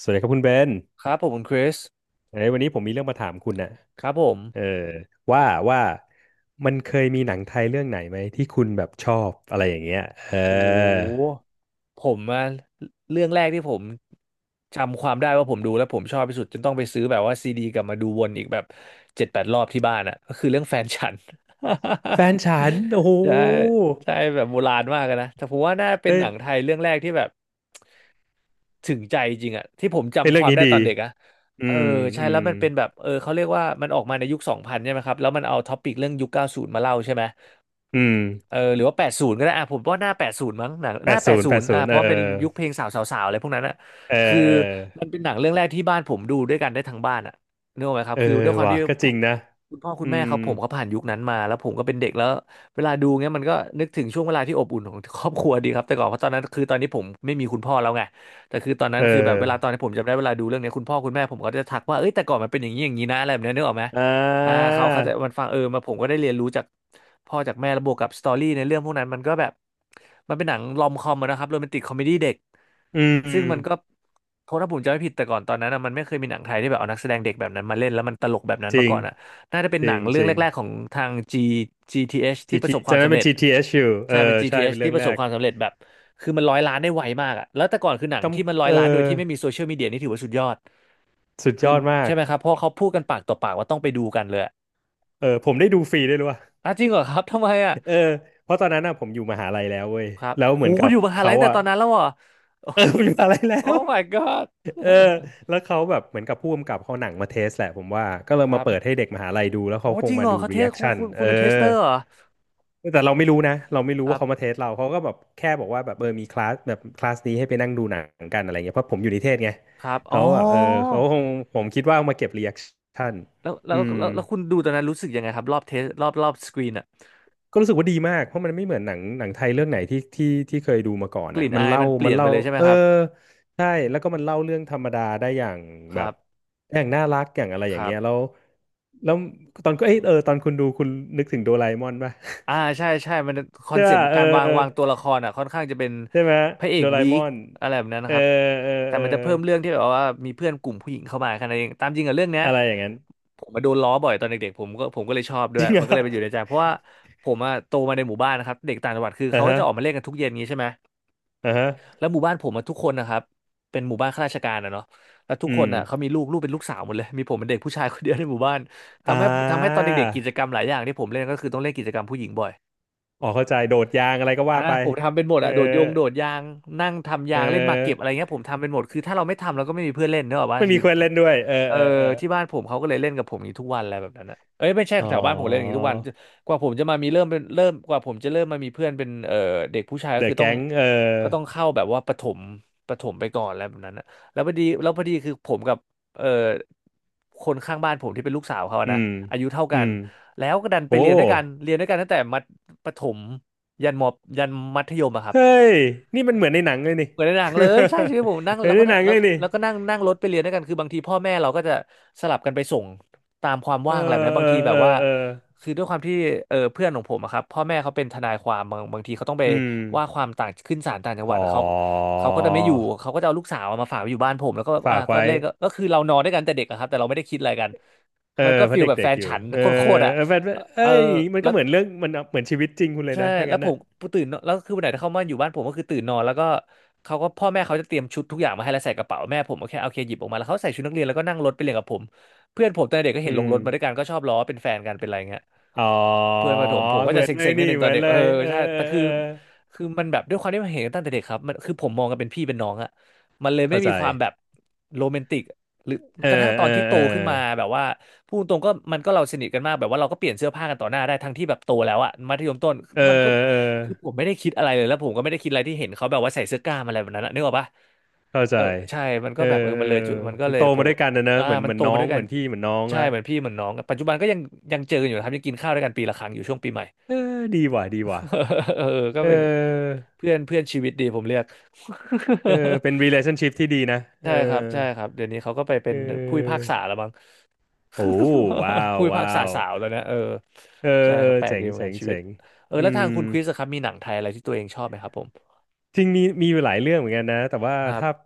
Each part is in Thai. สวัสดีครับคุณเบนครับผมคุณคริสเอ้ยวันนี้ผมมีเรื่องมาถามคุณน่ะครับผมเออว่าว่ามันเคยมีหนังไทยเรื่องไหนไหมที่คุณแบบชอบอะไรอย่างเงี้ยเอโอ้โอหผมอะเรื่องแรกที่ผมจำความได้ว่าผมดูแล้วผมชอบที่สุดจนต้องไปซื้อแบบว่าซีดีกลับมาดูวนอีกแบบเจ็ดแปดรอบที่บ้านอะก็คือเรื่องแฟนฉัน แฟ นฉัน โอ้โหใช่ใช่แบบโบราณมากอะนะแต่ผมว่าน่าเป็นเฮ้หยนังไทยเรื่องแรกที่แบบถึงใจจริงอะที่ผมเฮ้ยจำคเรื่องวามนี้ได้ดีตอนเด็กอะอืเออมใช่อืแล้มวมันเป็นแบบเขาเรียกว่ามันออกมาในยุคสองพันใช่ไหมครับแล้วมันเอาท็อปิกเรื่องยุคเก้าสูนมาเล่าใช่ไหม อืมเออหรือว่าแปดศูนย์ก็ได้อ่ะผมว่าหน้าแปดศูนย์มั้งหนังหแปน้าดแปศูดนย์ศูแปนดย์ศูอ่ะนย์เพเออราะมันเป็นยุคเพลงสาวสาวสาวอะไรพวกนั้นอ่ะเออคือเออมันเป็นหนังเรื่องแรกที่บ้านผมดูด้วยกันได้ทั้งบ้านอ่ะนึกออกไหมครับเออคือด้วยความว่ะที่ก็จพ่อริงนะคุณพ่อคุอืณแม่มเขาผ่านยุคนั้นมาแล้วผมก็เป็นเด็กแล้วเวลาดูเงี้ยมันก็นึกถึงช่วงเวลาที่อบอุ่นของครอบครัวดีครับแต่ก่อนเพราะตอนนั้นคือตอนนี้ผมไม่มีคุณพ่อแล้วไงแต่คือตอนนั้เนคือแบบเวลาตอนออที่ผมจำได้เวลาดูเรื่องเนี้ยคุณพ่อคุณแม่ผมก็จะทักว่าเอ้ยแต่ก่อนมันเป็นอย่างนี้อย่างนี้นะอะไรแบบเนี้ยนึกออกไหม อ่อ่าาเขาจะมันฟังมาผมก็ได้เรียนรู้จากพ่อจากแม่แล้วบวกกับสตอรี่ในเรื่องพวกนั้นมันก็แบบมันเป็นหนังลอมคอมอะนะครับโรแมนติกคอมเมดี้เด็กอืมซึ่งมันก็โทษถ้าผมจำไม่ผิดแต่ก่อนตอนนั้นอะมันไม่เคยมีหนังไทยที่แบบเอานักแสดงเด็กแบบนั้นมาเล่นแล้วมันตลกแบบนั้นจมาริง ก่อนอะน่าจะเป็นจหรินังง เรื่จองริแรง กๆของทาง GTH ทีเอชทีที่ประทีสบคจาวามกนั้นสำเป็น เร็จ t t เอชยู่ เอใช่อ เป็น ใช่ GTH เป็นทีเอชเรื่ที่องประแรสบกความสำเร็จแบบคือมันร้อยล้านได้ไวมากอะแล้วแต่ก่อนคือหนังที่มันกำร้อยเออล้านโดยที่ไม่มีโซเชียลมีเดียนี่ถือว่าสุดยอดสุดยคืออดมากใช่ไหมครับเพราะเขาพูดกันปากต่อปากว่าต้องไปดูกันเลย เออผมได้ดูฟรีด้วยรู้ป่ะอ่ะจริงเหรอครับทำไมอ่ะเออเพราะตอนนั้นน่ะผมอยู่มหาลัยแล้วเว้ยครับแล้วโหเหมือนคุกัณบอยู่มหาเขาลัยตั้งแต่อ่ะ ตอนนั้นแล้วเหรอโอ้ เออผมอยู่มหาลัยแล้ว Oh my god เออแล้วเขาแบบเหมือนกับผู้กำกับเขาหนังมาเทสแหละผมว่าก็เลย คมารัเปิดบให้เด็กมหาลัยดูแล้วโอ้เขาคจงริงมาเหรอดูเขาเทรีแอสคคุณชั่นคุณเอคุณเป็นเทสเตออร์เหรอแต่เราไม่รู้นะเราไม่ครู้รัว่าเขามาบเทสเราเขาก็แบบแค่บอกว่าแบบเออมีคลาสแบบคลาสนี้ให้ไปนั่งดูหนังกันอะไรเงี้ยเพราะผมอยู่นิเทศไงครับอ๋เขาอแบบเออเขาคงผมคิดว่าเอามาเก็บรีแอคชั่นแล้วแล้อืวม แล้วแล้วคุณดูตอนนั้นรู้สึกยังไงครับรอบเทสรอบสกรีนอ่ะก็รู้สึกว่าดีมากเพราะมันไม่เหมือนหนังไทยเรื่องไหนที่เคยดูมาก่อนกอ่ะลิ่นมันอายเล่ามันเปมัลี่นยนไปเล่าเลยใช่ไหมเออครับใช่แล้วก็มันเล่าเรื่องธรรมดาได้อย่างคแบรับบอย่างน่ารักอย่างอะไรอคย่างรัเงี้บ ยแล้วแล้วตอนก็เอยเออตอนคุณดูคุณนึกถึงโดราเอมอนป่ะ อ่าใช่ใช่มันคอนใช่เซปต์ป่ะเออการวางตัวละครอ่ะค่อนข้างจะเป็นใช่ไหมพระเอโดกราเอวีมคอนอะไรแบบนั้นเอนะอครับเออแต่เออมันจะเพิ่มเรื่องที่แบบว่ามีเพื่อนกลุ่มผู้หญิงเข้ามาแค่นั้นเองตามจริงกับเรื่องเนี้ยอะไรอย่างนั้น ผมมาโดนล้อบ่อยตอนเด็กๆผมก็เลยชอบด้ วจยริงเหรมันอก็เลยไปอยู่ในใจเพราะว่าผมอะโตมาในหมู่บ้านนะครับเด็กต่างจังหวัดคืออ่ะเขาก็ฮะจะออกมาเล่นกันทุกเย็นงี้ใช่ไหมอ่ะฮะแล้วหมู่บ้านผมอะทุกคนนะครับเป็นหมู่บ้านข้าราชการอะเนาะแล้วทุกอืคมนอะเขามีลูกเป็นลูกสาวหมดเลยมีผมเป็นเด็กผู้ชายคนเดียวในหมู่บ้านอ่ทำให้ตอนาเด็กๆกิจกรรมหลายอย่างที่ผมเล่นก็คือต้องเล่นกิจกรรมผู้หญิงบ่อย อ๋อเข้าใจโดดยางอะไรก็อ่าว่าไปผมทำเป็นหมดเอออะโดดยางนั่งทำเอยางเล่นหมากเก็บอะไรอ เงี้ยผมทำเป็นหมดคือถ้าเราไม่ทำเราก็ไม่มีเพื่อนเล่นเนกอะว่าไม่หมียุดเควสเล่นด้วยเออเออเออเออที่บ้านผมเขาก็เลยเล่นกับผมอย่างนี้ทุกวันอะไรแบบนั้นนะเอ้ยไม่ใช่อ๋อแถวบ้านผมเล่นอย่างนี้ทุกวันกว่าผมจะมามีเริ่มเป็นเริ่มกว่าผมจะเริ่มมามีเพื่อนเป็นเด็กผู้ชายก็เดคือะอต้อแก๊งงเออเข้าแบบว่าประถมไปก่อนอะไรแบบนั้นนะแล้วพอดีคือผมกับเออคนข้างบ้านผมที่เป็นลูกสาวเขาอะอืนะมอายุเท่าอืกันมแล้วก็ดันไปโอ้เรียนด้วยกันเรียนด้วยกันตั้งแต่ประถม ยันมอยันมัธยมอะครับเฮ้ยนี่มันเหมือนในหนังเลยนี่ เหมือนในหนังเลยใช่ชีวิตผมนั่ งเหมือแล้นวในก็หนังแล้เลวยนี่แล้วก็นั่งนั่งรถไปเรียนด้วยกันคือบางทีพ่อแม่เราก็จะสลับกันไปส่งตามความเอว่างอะไรแบบอนี้เอบางทีอแบเอบอว่าเออคือด้วยความที่เพื่อนของผมอะครับพ่อแม่เขาเป็นทนายความบางทีเขาต้องไปอืมว่าความต่างขึ้นศาลต่างจังหอ๋วัดอเขาเขาก็จะไม่อยู่เขาก็จะเอาลูกสาวมาฝากไว้อยู่บ้านผมแล้วก็ฝาอ่ะกก็ไว้เล่นก็ก็คือเรานอนด้วยกันแต่เด็กอะครับแต่เราไม่ได้คิดอะไรกันเออมันก็เพฟีราะลแบบเด็แฟกนๆอยู่ฉันเออโคตรๆอะเออแฟนเอ้เออยมันแล้ก็ว เหมือนเรื่องมันเหมือนชีวิตจริงคุณเลยใช่นะถ้าแล้วงั้นผอ่ะมตื่นนอนแล้วคือวันไหนที่เขามาอยู่บ้านผมก็คือตื่นนอนแล้วก็เขาก็พ่อแม่เขาจะเตรียมชุดทุกอย่างมาให้แล้วใส่กระเป๋าแม่ผมโอเคโอเคหยิบออกมาแล้วเขาใส่ชุดนักเรียนแล้วก็นั่งรถไปเรียนกับผมเพื่อนผมตอนเด็กก็อืเห็นลงมรถมาด้วยกันก็ชอบล้อเป็นแฟนกันเป็นอะไรเงี้ย อ๋อเพื่อนประถมผมก็เหจะมือนเลเซ็ยงๆนิดนี่นึงเหตอมืนอนเด็กเลเออยเออใช่เออแต่คืเอออคือมันแบบด้วยความที่มันเห็นตั้งแต่เด็กครับมันคือผมมองกันเป็นพี่เป็นน้องอะมันเลยไม่เข้าใจมีความแบบโรแมนติกหรือเออกระทั่งตอเออนที่โตเออ ขึ้นมาแบบว่าพูดตรงก็มันก็เราสนิทกันมากแบบว่าเราก็เปลี่ยนเสื้อผ้ากันต่อหน้าได้ทั้งที่แบบโตแล้วอะมัธยมต้นเออมันก็เออคือผมไม่ได้คิดอะไรเลยแล้วผมก็ไม่ได้คิดอะไรที่เห็นเขาแบบว่าใส่เสื้อกล้ามอะไรแบบนั้นอะนึกออกปะ เข้าเอใจอใช่มันเอก็อแบบเอมัอนเลยจุดมันก็มัเลนโตยผมามด้วยกันนะเนอะอ่าเหมือนมัเหนมือนโตน้อมาด้งวยเหกันมือนพี่เหมือนน้องใช่ละเหมือนพี่เหมือนน้องกันปัจจุบันก็ยังยังเจอกันอยู่นะครับยังกินข้าวด้วยกันปีละครั้งอยู่ช่วงปีใหม่ เออดีว่ะดีว่ะ เออก็เอเป็นอเพื่อนเพื่อนชีวิตดีผมเรียก เออ เป็น relationship ที่ดีนะเออใช่ครับใช่ครับเดี๋ยวนี้เขาก็ไปเเป็นผู้พิพาออกษาแล้วมั้ง โอ้ว้า วผู้พิพากว้าษาวสาวแล้วนะเออเออใช่เออครับแปลกเจ๋งดีเหมือนเจ๋กังนชีวิเจ๋ตงเอออืแล้วมทางคุณคริสอะครับมีหนังไทยอะไรที่ตัวเองชอบไหมครับผมจริงมีมีอยู่หลายเรื่องเหมือนกันนะแต่ว่าครัถ้าบ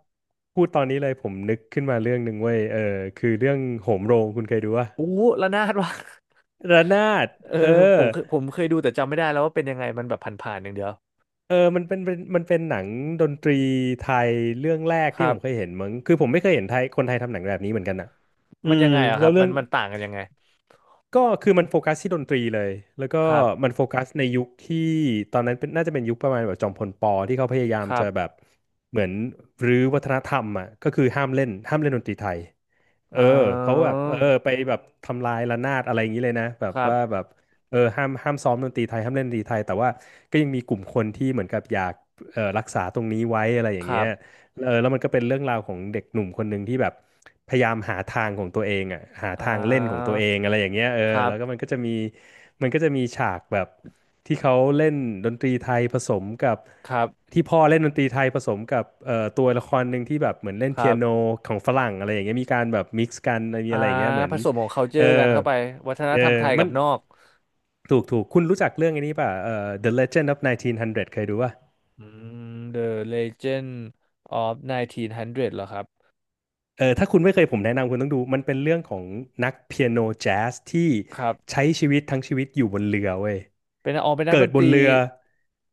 พูดตอนนี้เลยผมนึกขึ้นมาเรื่องหนึ่งเว้ยเออคือเรื่องโหมโรงคุณเคยดูป่ะอู้ระนาด ว่ะ ระนาดเออเอผอ มเคยผมเคยดูแต่จำไม่ได้แล้วว่าเป็นยังไงมันแบบผ่านๆอย่างเดียวเออมันเป็นเป็นมันเป็นหนังดนตรีไทยเรื่องแรกคที่รัผบมเคยเห็นมั้งคือผมไม่เคยเห็นไทยคนไทยทำหนังแบบนี้เหมือนกันอะอืมันยัมงไงอะคแล้รัวบเรื่มัอนงมันต่างกันยังไงก็คือมันโฟกัสที่ดนตรีเลยแล้วก็ครับมันโฟกัสในยุคที่ตอนนั้นเป็นน่าจะเป็นยุคประมาณแบบจอมพลปที่เขาพยายามครับจะแบบเหมือนรื้อวัฒนธรรมอะก็คือห้ามเล่นดนตรีไทย เอเออเขาแบอบไปแบบทำลายระนาดอะไรอย่างนี้เลยนะแบบครัว่าบแบบเออห้ามซ้อมดนตรีไทยห้ามเล่นดนตรีไทยแต่ว่าก็ยังมีกลุ่มคนที่เหมือนกับอยากรักษาตรงนี้ไว้อะไรอคย่างรัเงี้ยบเออแล้วมันก็เป็นเรื่องราวของเด็กหนุ่มคนหนึ่งที่แบบพยายามหาทางของตัวเองอ่ะหาอ่ทางเล่นของาตัวเองอะไรอย่างเงี้ยเออครับแล้วก็มันก็จะมีฉากแบบที่เขาเล่นดนตรีไทยผสมกับ ครับที่พ่อเล่นดนตรีไทยผสมกับตัวละครหนึ่งที่แบบเหมือนเล่นคเปีรัยโนบของฝรั่งอะไรอย่างเงี้ยมีการแบบมิกซ์กันมีอ่าอะไรอย่างเงี้ยเหมือผนสมของ เออ culture กันเข้าไปวัฒนเอธรรมอไทยมักับนนอกถูกคุณรู้จักเรื่องอันนี้ป่ะThe Legend of 1900เก้าร้อยเคยดูป่ะอืม The Legend of 1900เก้าร้อยเหรอครับเออถ้าคุณไม่เคยผมแนะนำคุณต้องดูมันเป็นเรื่องของนักเปียโนแจ๊สที่ครับใช้ชีวิตทั้งชีวิตอยู่บนเรือเว้ย เป็นอ๋อเป็นนัเกิกดดนบตนรีเรือ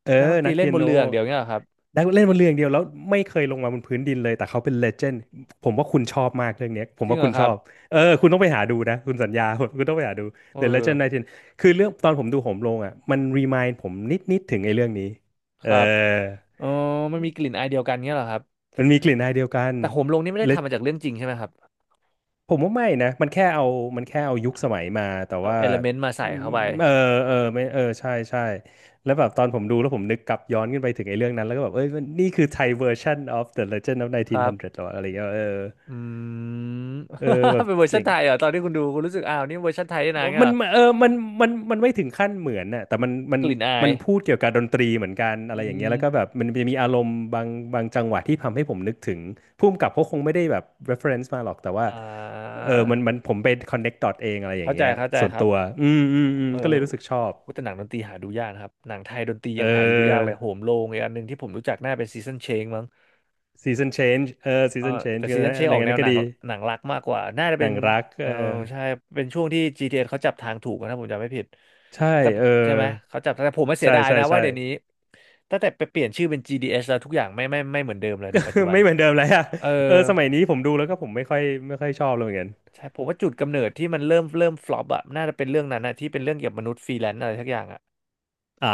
เออนักดนตนัรีกเล่เปีนยบนโนเรืออย่างเดียวเงี้ยเหรอครับได้เล่นบนเรืออย่างเดียวแล้วไม่เคยลงมาบนพื้นดินเลยแต่เขาเป็นเลเจนด์ผมว่าคุณชอบมากเรื่องเนี้ยผจมริงว่าเหรคุอณคชรัอบบเออคุณต้องไปหาดูนะคุณสัญญา คุณต้องไปหาดู เอ The Legend อ 19คือเรื่องตอนผมดูโหมลงอ่ะมันรีมายด์ผมนิดถึงไอ้เรื่องนี้คเออรับเอ๋อมันมีกลิ่นอายเดียวกันเงี้ยเหรอครับมันมีกลิ่นอายเดียวกัน แต่โหมลงนี่ไม่ได้ทำมาจากเรื่องจริงใช่ไหมครับผมว่าไม่นะ มันแค่เอา มันแค่เอายุคสมัยมา แต่เอาว่าเอลเมนต์มาอืใส่มเข้าไปเออเออไม่เออ ใช่ใช่แล้วแบบตอนผมดูแล้วผมนึกกลับย้อนขึ้นไปถึงไอ้เรื่องนั้น แล้วก็แบบเอ้ยมันนี่คือไทยเวอร์ชัน of the Legend of ครับ1900หรออะไรเงี้ยเอออืม เออแบ บเป็นเวอร์ชัเจ๋นง ไทยเหรอตอนที่คุณดูคุณรู้สึกอ้าวนี่เวอร์ชันไทยด้วยนะเงี้ยมัเหนรอเออมันมันมันไม่ถึงขั้นเหมือนน่ะแต่มันมันกลิ่นอามัยนพูดเกี่ยวกับดนตรีเหมือนกันอะอืไรอย่างเงี้ยแล้วก็แบบมมันจะมีอารมณ์บางจังหวะที่ทำให้ผมนึกถึงผู้กำกับเขาคงไม่ได้แบบ reference มาหรอกแต่ว่าอ่เออมันมัานผมไป connect dot เองอะไรอย่าเข้างใจเงี้ยเข้าใจส่วนครับตัวเออก็เลยรู้สึกชอบโหแต่หนังดนตรีหาดูยากนะครับหนังไทยดนตรีเอยังหาดูยากเลอ ยโหมโรงอีกอันหนึ่งที่ผมรู้จักน่าเป็นซีซันเชงมั้ง season change เออ เออ season แต่ change ก็นซีซันเชนะคในออกแนนั้วนหก็นังดีหนังรักมากกว่าน่าจะหเป็นันงรักเอเอออใช่เป็นช่วงที่ GTS เอสเขาจับทางถูกนะถ้าผมจำไม่ผิดใช่แต่เออใช่ไหมเขาจับแต่ผมไม่เสียใช่ดายใช่นะว่าใช่ เดี๋ยวนี้ตั้งแต่ไปเปลี่ยนชื่อเป็น GDS แล้วทุกอย่างไม่เหมือนเดิมเลยในปัจจุ บันไม่เหมือนเดิมแล้วอะเออเออสมัยนี้ผมดูแล้วก็ผมไม่ค่อยชอบเลยเหมือนกัน ใช่ผมว่าจุดกำเนิดที่มันเริ่มฟลอปอะน่าจะเป็นเรื่องนั้นนะที่เป็นเรื่องเกี่ยวกับมนุษย์ฟรีแลนซ์อะไรสักอย่างอะ อ่า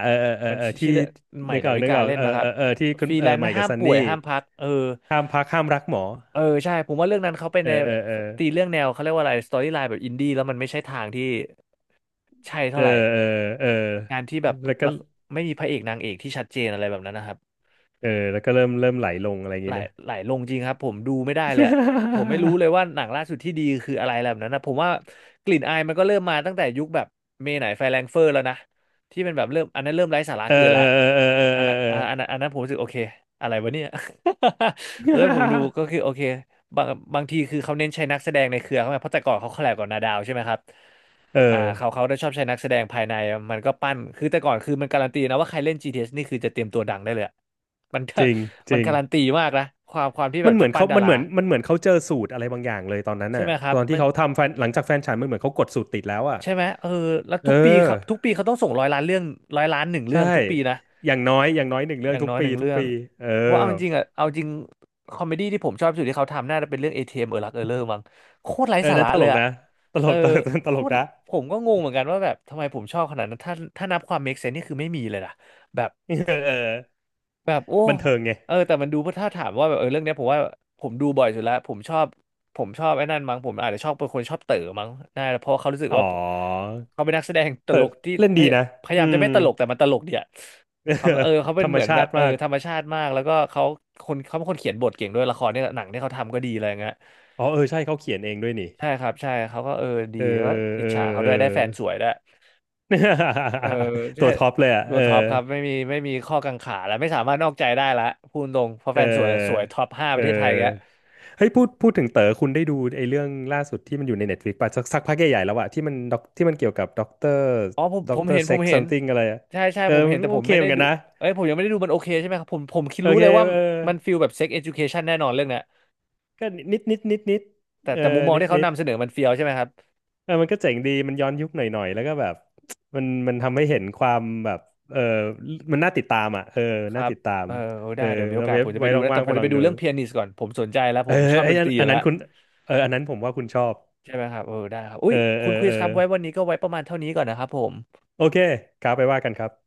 เออเออเออมันเออชที่ชื่อเรื่องใหม่นึกอดาอกวินึกกาออกเล่นเออมาคเอรับอเออที่คุฟณรีเอแลอนใหซ์ม่กัห้าบมซันป่วนี่ยห้ามพักเออห้ามพักห้ามรักหมอเออใช่ผมว่าเรื่องนั้นเขาเป็นเออในเออเออตีเรื่องแนวเขาเรียกว่าอะไรสตอรี่ไลน์แบบอินดี้แล้วมันไม่ใช่ทางที่ใช่เอเท่าอไหร่เออเอองานที่แบบแล้วก็ละไม่มีพระเอกนางเอกที่ชัดเจนอะไรแบบนั้นนะครับ เออแล้วก็เริ่มไหลลงอะไรอย่างไหลงี้นะ ไหลลงจริงครับผมดูไม่ได้เลยอะผมไม่รู้ เลยว่าหนังล่าสุดที่ดีคืออะไรแบบนั้นนะผมว่ากลิ่นอายมันก็เริ่มมาตั้งแต่ยุคแบบเมไหนไฟแรงเฟอร์แล้วนะที่เป็นแบบเริ่มอันนั้นเริ่มไร้สาระเออเกินแล้เอวอเออเอออัเอนอนั้นเอออ่าอันนั้นอันนั้นผมรู้สึกโอเคอะไรวะเนี่ย แล้วผมดูก็คือโอเคบางบางทีคือเขาเน้นใช้นักแสดงในเครือเขาไงเพราะแต่ก่อนเขาคอลแลบกับนาดาวใช่ไหมครับ เออ่าเขาอเขาได้ชอบใช้นักแสดงภายในมันก็ปั้นคือแต่ก่อนคือมันการันตีนะว่าใครเล่น GTS นี่คือจะเตรียมตัวดังได้เลยอะ มันก็จริงจมันริงการันตีมากนะความที่แบมับนเหจะมือนปั้นเขาดามันราเหมือนมันเหมือนเขาเจอสูตรอะไรบางอย่างเลยตอนนั้นใช่ไหอ่ะมครับตอนมัที่นเขาทำแฟนหลังจากแฟนฉันมันเหมือนเขากดสูตรติดแล้วอ่ะใช่ไหมเออแล้วเอทุกปีคอรับทุกปีเขาต้องส่งร้อยล้านเรื่องร้อยล้านหนึ่งเรื่ใช่องทุกปีนะ อย่างน้อยอย่างน้อยหนึ่งอเรื่องย่างทุกน้อยหปีนึ่งทุกเรื่องปีเออ เพราะเอาจริงๆอ่ะเอาจริงคอมเมดี้ที่ผมชอบที่สุดที่เขาทำน่าจะเป็นเรื่อง ATM เอมเออรักเออเลอร์มั้งโคตรไร้เออสานั่นระตเลลยกอ่ะนะตเอลอก ตลกตโคลกตรนะผมก็งงเหมือนกันว่าแบบทำไมผมชอบขนาดนั้นถ้านับความ make sense นี่คือไม่มีเลยนะแบบเออเออโอ้บันเทิงไงแต่มันดูเพราะถ้าถามว่าแบบเรื่องเนี้ยผมว่าผมดูบ่อยสุดแล้วผมชอบผมชอบไอ้นั่นมั้งผมอาจจะชอบเป็นคนชอบเต๋อมั้งน่าเพราะเขารู้สึกอ๋อว่าเขาเป็นนักแสดงตแต่ลกที่เล่นดีนะพยายาอืมจะม ไม่ตลกแต่มันตลกดีอะ เออเขาธเป็นรรมเหมือนชาแบบติมากธรรมชาติมากแล้วก็เขาคนเขาเป็นคนเขียนบทเก่งด้วยละครเนี่ยหนังที่เขาทำก็ดีอะไรเงี้ยอ๋อเออใช่เขาเขียนเองด้วยนี่ใช่ครับใช่เขาก็ดีเออแล้วก็อิเอจอฉาเขาเออ ด้วยได้แฟนสวยด้วยเออ ตัใช่วท็อปเลยอ่ะตัเอวอท็อปครับไม่มีข้อกังขาแล้วไม่สามารถนอกใจได้ละพูดตรงเพราะเอแฟนสวยสวยอท็อป5ปเระเทศไทยแกออเฮ้ยพูดถึงเต๋อคุณได้ดูไอ้เรื่องล่าสุดที่มันอยู่ใน Netflix ป่ะสักพักใหญ่ๆแล้วอะที่มันด็อกที่มันเกี่ยวกับด็อกเตอร์อ๋อผมด็ผอกมเตอเห็ร์นผเซ็มกซ์ เห็น something อะไรอะใช่ใช่เออผมเห็นแต่โอผมเคไม่เหได้มือนกัดูนนะเอ้ยผมยังไม่ได้ดูมันโอเคใช่ไหมครับผมคิดโอรู้เคเลยว่าเออ มันฟีลแบบเซ็กเอ ucation แน่นอนเรื่องเนี้ยก็นิดนิดนิดนิดแต่เอแต่มุอมมองนิดที่เขานิดนำเสนอมันเฟียวใช่ไหมครับ เออมันก็เจ๋งดีมันย้อนยุคหน่อยหน่อยแล้วก็แบบมันทำให้เห็นความแบบเออมันน่าติดตามอ่ะเออคน่ารับ ติดตามเออเอได้อเดี๋ยวมีโอเรากาสเว็ผบมจะไปไว้ดูลองนะแต่ว่างๆผไปมลจะอไปงดูดูเรื่องเปียนิสก่อนผมสนใจแล้วเอผอมชอบไอ้ดนตอันรีออัยู่นแล้นั้วนคุณเอออันนั้นผมว่าคุณชอบใช่ไหมครับเออได้ครับอุ้เอยอเอคุอณคริเอสอครับไว้วันนี้ก็ไว้ประมาณเท่านี้ก่อนนะครับผมโอเคครับไปว่ากันครับ